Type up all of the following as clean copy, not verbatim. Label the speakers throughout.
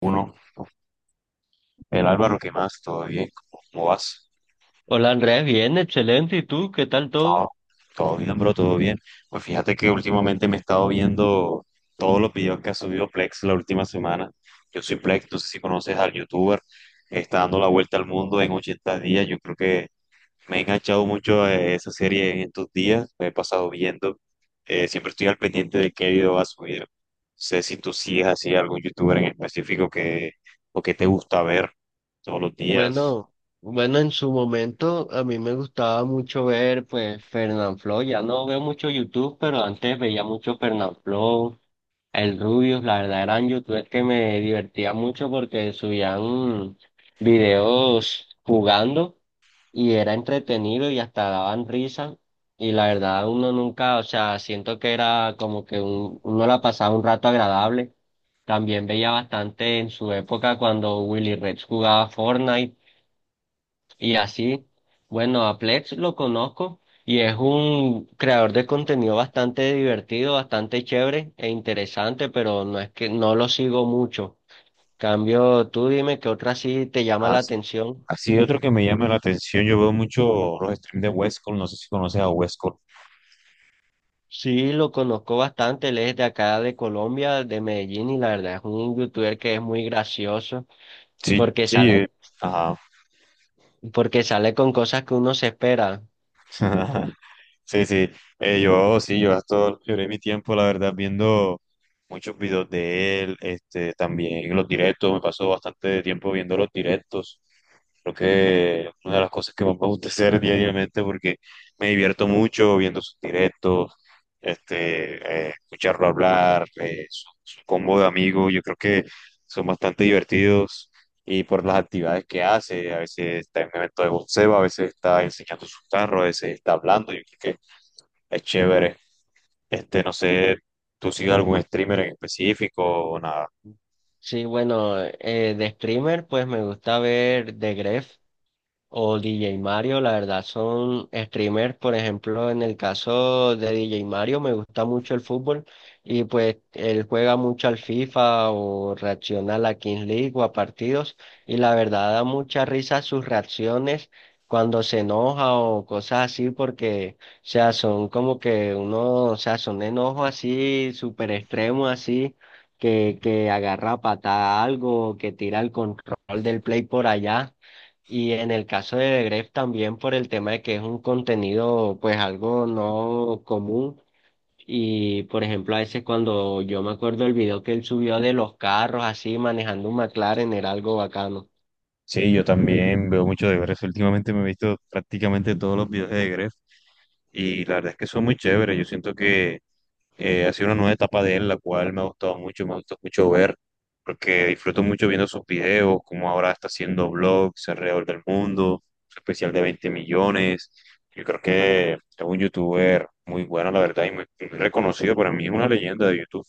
Speaker 1: Uno, el Álvaro, ¿qué más? ¿Todo bien? ¿Cómo vas?
Speaker 2: Hola Andrea, bien, excelente. ¿Y tú? ¿Qué tal
Speaker 1: Todo,
Speaker 2: todo?
Speaker 1: todo bien, bro, todo bien. Pues fíjate que últimamente me he estado viendo todos los videos que ha subido Plex la última semana. Yo soy Plex, no sé si conoces al youtuber, está dando la vuelta al mundo en 80 días. Yo creo que me he enganchado mucho a esa serie en estos días, me he pasado viendo. Siempre estoy al pendiente de qué video va a subir. No sé si tú sigues así algún youtuber en específico que, o que te gusta ver todos los días.
Speaker 2: Bueno, bueno, en su momento a mí me gustaba mucho ver pues Fernanfloo, ya no veo mucho YouTube, pero antes veía mucho Fernanfloo, el Rubius, la verdad eran youtubers que me divertía mucho porque subían videos jugando y era entretenido y hasta daban risa y la verdad uno nunca, o sea, siento que era como que uno la pasaba un rato agradable. También veía bastante en su época cuando Willy Rex jugaba Fortnite y así. Bueno, a Plex lo conozco y es un creador de contenido bastante divertido, bastante chévere e interesante, pero no es que no lo sigo mucho. Cambio, tú dime qué otra sí te llama la
Speaker 1: As-
Speaker 2: atención.
Speaker 1: Así otro que me llama la atención, yo veo mucho los streams de Westcol, no sé si conoces a Westcol.
Speaker 2: Sí, lo conozco bastante, él es de acá de Colombia, de Medellín, y la verdad es un youtuber que es muy gracioso
Speaker 1: Sí,
Speaker 2: porque
Speaker 1: sí,
Speaker 2: sale,
Speaker 1: ajá.
Speaker 2: porque sale con cosas que uno se espera.
Speaker 1: Sí, sí, yo sí, yo gasto, lloré mi tiempo, la verdad, viendo muchos videos de él, este, también los directos, me pasó bastante tiempo viendo los directos, creo que una de las cosas que más me gusta hacer diariamente porque me divierto mucho viendo sus directos, este, escucharlo hablar, su combo de amigos, yo creo que son bastante divertidos, y por las actividades que hace. A veces está en un evento de boxeo, a veces está enseñando sus carros, a veces está hablando. Yo creo que es chévere. Este, no sé, ¿tú sigues algún streamer en específico o nada?
Speaker 2: Sí, bueno, de streamer, pues me gusta ver The Gref. O DJ Mario, la verdad, son streamers. Por ejemplo, en el caso de DJ Mario, me gusta mucho el fútbol y pues él juega mucho al FIFA o reacciona a la Kings League o a partidos. Y la verdad, da mucha risa sus reacciones cuando se enoja o cosas así, porque, o sea, son como que uno, o sea, son enojos así, súper extremos así que agarra a patada algo, que tira el control del play por allá. Y en el caso de Gref también por el tema de que es un contenido pues algo no común y por ejemplo a veces cuando yo me acuerdo el video que él subió de los carros así manejando un McLaren era algo bacano.
Speaker 1: Sí, yo también veo mucho de Gref. Últimamente me he visto prácticamente todos los videos de Gref y la verdad es que son muy chéveres. Yo siento que ha sido una nueva etapa de él, la cual me ha gustado mucho, me ha gustado mucho ver, porque disfruto mucho viendo sus videos, como ahora está haciendo vlogs alrededor del mundo, su especial de 20 millones. Yo creo que es un youtuber muy bueno, la verdad, y muy, muy reconocido. Para mí es una leyenda de YouTube. O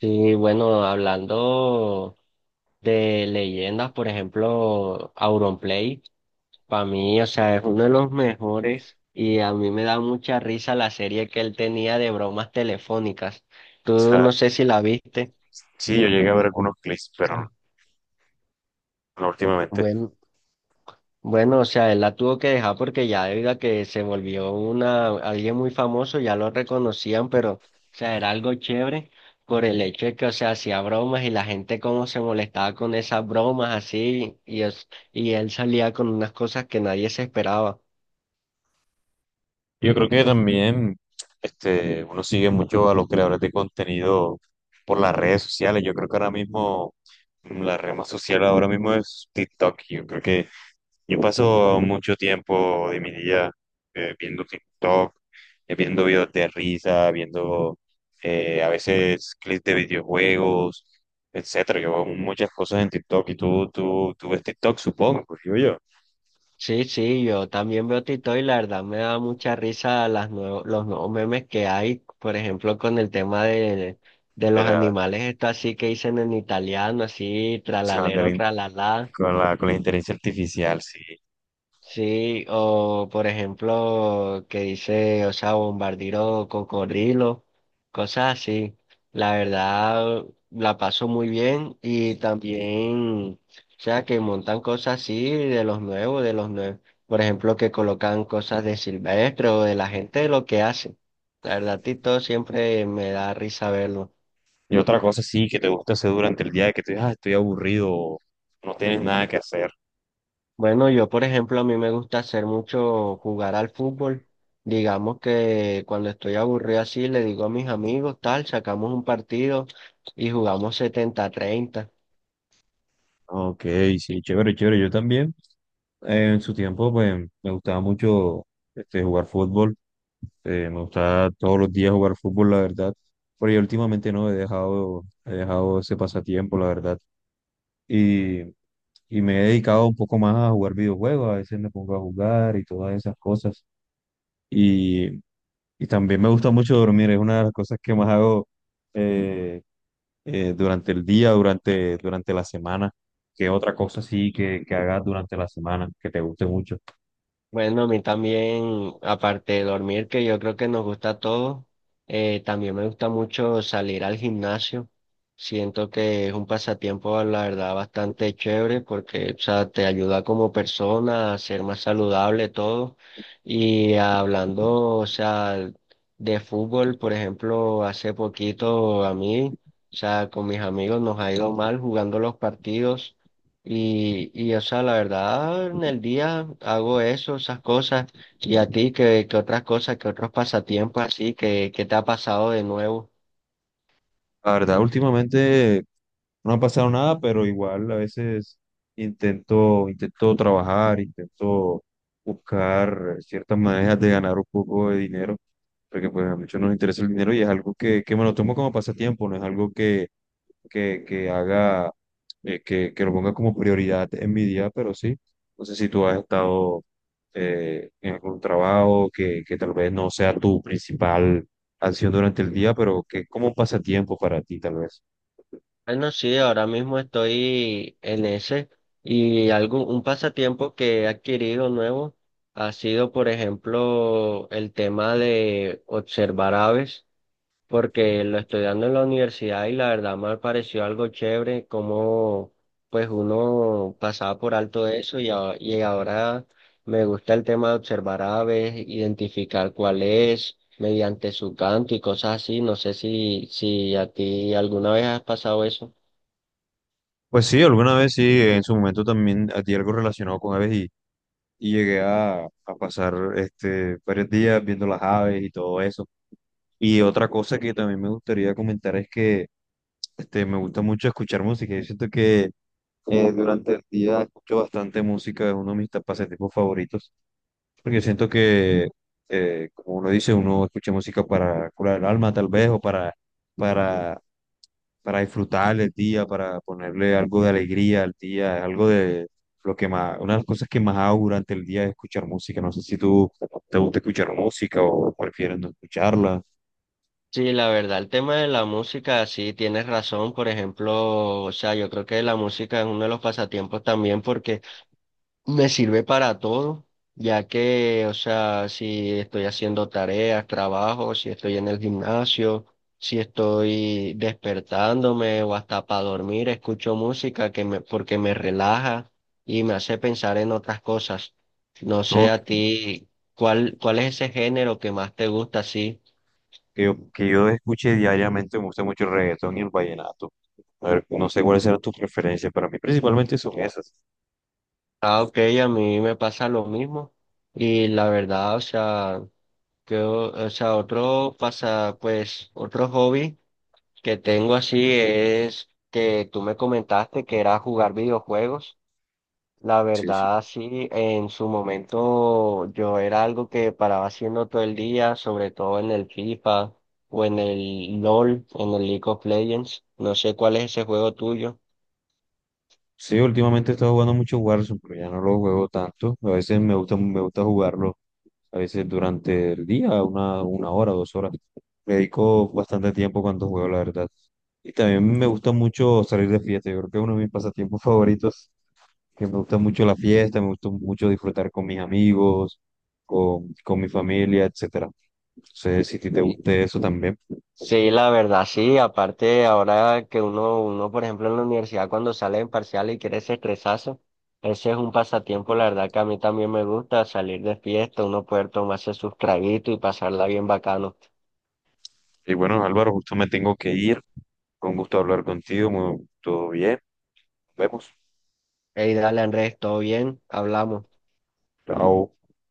Speaker 2: Sí, bueno, hablando de leyendas, por ejemplo, Auronplay, para mí, o sea, es uno de los mejores y a mí me da mucha risa la serie que él tenía de bromas telefónicas. Tú
Speaker 1: sea,
Speaker 2: no sé si la viste.
Speaker 1: sí, yo llegué a ver algunos clips, pero no no últimamente.
Speaker 2: Bueno. Bueno, o sea, él la tuvo que dejar porque ya debido a que se volvió una, alguien muy famoso, ya lo reconocían, pero, o sea, era algo chévere por el hecho de que, o sea, hacía bromas y la gente como se molestaba con esas bromas así, y, es, y él salía con unas cosas que nadie se esperaba.
Speaker 1: Yo creo que también este, uno sigue mucho a los creadores de contenido por las redes sociales. Yo creo que ahora mismo la red más social ahora mismo es TikTok. Yo creo que yo paso mucho tiempo de mi día viendo TikTok, viendo videos de risa, viendo a veces clips de videojuegos, etcétera. Yo hago muchas cosas en TikTok y tú ves TikTok, supongo, pues digo
Speaker 2: Sí, sí, yo también veo TikTok y la verdad me da mucha risa las los nuevos memes que hay, por ejemplo, con el tema de los
Speaker 1: yo.
Speaker 2: animales, esto así que dicen en italiano, así,
Speaker 1: Sea,
Speaker 2: tralalero, tralalá.
Speaker 1: con la inteligencia artificial, sí.
Speaker 2: Sí, o por ejemplo, que dice, o sea, bombardiro cocodrilo, cosas así. La verdad, la paso muy bien y también, o sea, que montan cosas así de los nuevos, de los nuevos. Por ejemplo, que colocan cosas de Silvestre o de la gente de lo que hace. La verdad, Tito siempre me da risa verlo.
Speaker 1: Y otra cosa, sí, que te gusta hacer durante el día, que te digas, "Ah, estoy aburrido, o no tienes nada que hacer".
Speaker 2: Bueno, yo por ejemplo, a mí me gusta hacer mucho jugar al fútbol. Digamos que cuando estoy aburrido así, le digo a mis amigos, tal, sacamos un partido y jugamos 70 treinta.
Speaker 1: Ok, sí, chévere, chévere. Yo también en su tiempo pues me gustaba mucho este, jugar fútbol. Me gustaba todos los días jugar fútbol, la verdad. Pero yo últimamente no he dejado, he dejado ese pasatiempo, la verdad. Y, y me he dedicado un poco más a jugar videojuegos. A veces me pongo a jugar y todas esas cosas. Y también me gusta mucho dormir, es una de las cosas que más hago eh, durante el día, durante, durante la semana, qué otra cosa sí que hagas durante la semana, que te guste mucho.
Speaker 2: Bueno, a mí también, aparte de dormir, que yo creo que nos gusta a todos, también me gusta mucho salir al gimnasio. Siento que es un pasatiempo, la verdad, bastante chévere porque, o sea, te ayuda como persona a ser más saludable todo. Y hablando, o sea, de fútbol, por ejemplo, hace poquito a mí, o sea, con mis amigos nos ha ido mal jugando los partidos. O sea, la verdad, en el día hago eso, esas cosas. ¿Y a ti qué, qué otras cosas, qué otros pasatiempos así, que te ha pasado de nuevo?
Speaker 1: La verdad, últimamente no ha pasado nada, pero igual a veces intento trabajar, intento buscar ciertas maneras de ganar un poco de dinero, porque pues a muchos nos interesa el dinero y es algo que me lo tomo como pasatiempo, no es algo que que haga, que lo ponga como prioridad en mi día, pero sí, no sé si tú has estado en algún trabajo que tal vez no sea tu principal acción durante el día, pero que como pasatiempo para ti tal vez.
Speaker 2: Bueno, sí, ahora mismo estoy en ese. Y algo, un pasatiempo que he adquirido nuevo ha sido, por ejemplo, el tema de observar aves, porque lo estoy dando en la universidad y la verdad me pareció algo chévere como pues uno pasaba por alto eso y, y ahora me gusta el tema de observar aves, identificar cuál es mediante su canto y cosas así. No sé si, si a ti alguna vez has pasado eso.
Speaker 1: Pues sí, alguna vez sí, en su momento también di algo relacionado con aves y llegué a pasar este, varios días viendo las aves y todo eso. Y otra cosa que también me gustaría comentar es que este, me gusta mucho escuchar música. Yo siento que durante el día escucho bastante música, es uno de mis pasatiempos favoritos, porque siento que, como uno dice, uno escucha música para curar el alma tal vez, o para, para, para disfrutar el día, para ponerle algo de alegría al día, es algo de lo que más, una de las cosas que más hago durante el día es escuchar música, no sé si tú te gusta escuchar música o prefieres no escucharla,
Speaker 2: Sí, la verdad, el tema de la música, sí, tienes razón. Por ejemplo, o sea, yo creo que la música es uno de los pasatiempos también porque me sirve para todo, ya que, o sea, si estoy haciendo tareas, trabajo, si estoy en el gimnasio, si estoy despertándome o hasta para dormir, escucho música que me, porque me relaja y me hace pensar en otras cosas. No
Speaker 1: ¿no?
Speaker 2: sé a ti, ¿cuál, cuál es ese género que más te gusta así?
Speaker 1: Que yo, que yo escuche diariamente, me gusta mucho el reggaetón y el vallenato. A ver, no sé cuáles serán tus preferencias, para mí principalmente son esas.
Speaker 2: Ah, ok, a mí me pasa lo mismo. Y la verdad, o sea, que, o sea, otro pasa, pues, otro hobby que tengo así es que tú me comentaste que era jugar videojuegos. La verdad, sí, en su momento yo era algo que paraba haciendo todo el día, sobre todo en el FIFA o en el LOL, en el League of Legends. No sé cuál es ese juego tuyo.
Speaker 1: Sí, últimamente he estado jugando mucho Warzone, pero ya no lo juego tanto. A veces me gusta jugarlo, a veces durante el día, una hora, 2 horas. Me dedico bastante tiempo cuando juego, la verdad. Y también me gusta mucho salir de fiesta. Yo creo que es uno de mis pasatiempos favoritos, que me gusta mucho la fiesta, me gusta mucho disfrutar con mis amigos, con mi familia, etcétera. No sé si a ti te guste eso también.
Speaker 2: Sí, la verdad, sí. Aparte, ahora que uno, por ejemplo, en la universidad cuando sale en parcial y quiere ese estresazo, ese es un pasatiempo, la verdad que a mí también me gusta salir de fiesta, uno poder tomarse sus traguitos y pasarla bien bacano.
Speaker 1: Y bueno, Álvaro, justo me tengo que ir. Con gusto hablar contigo. Todo bien. Nos vemos.
Speaker 2: Ey, dale, Andrés, todo bien, hablamos.
Speaker 1: Chao.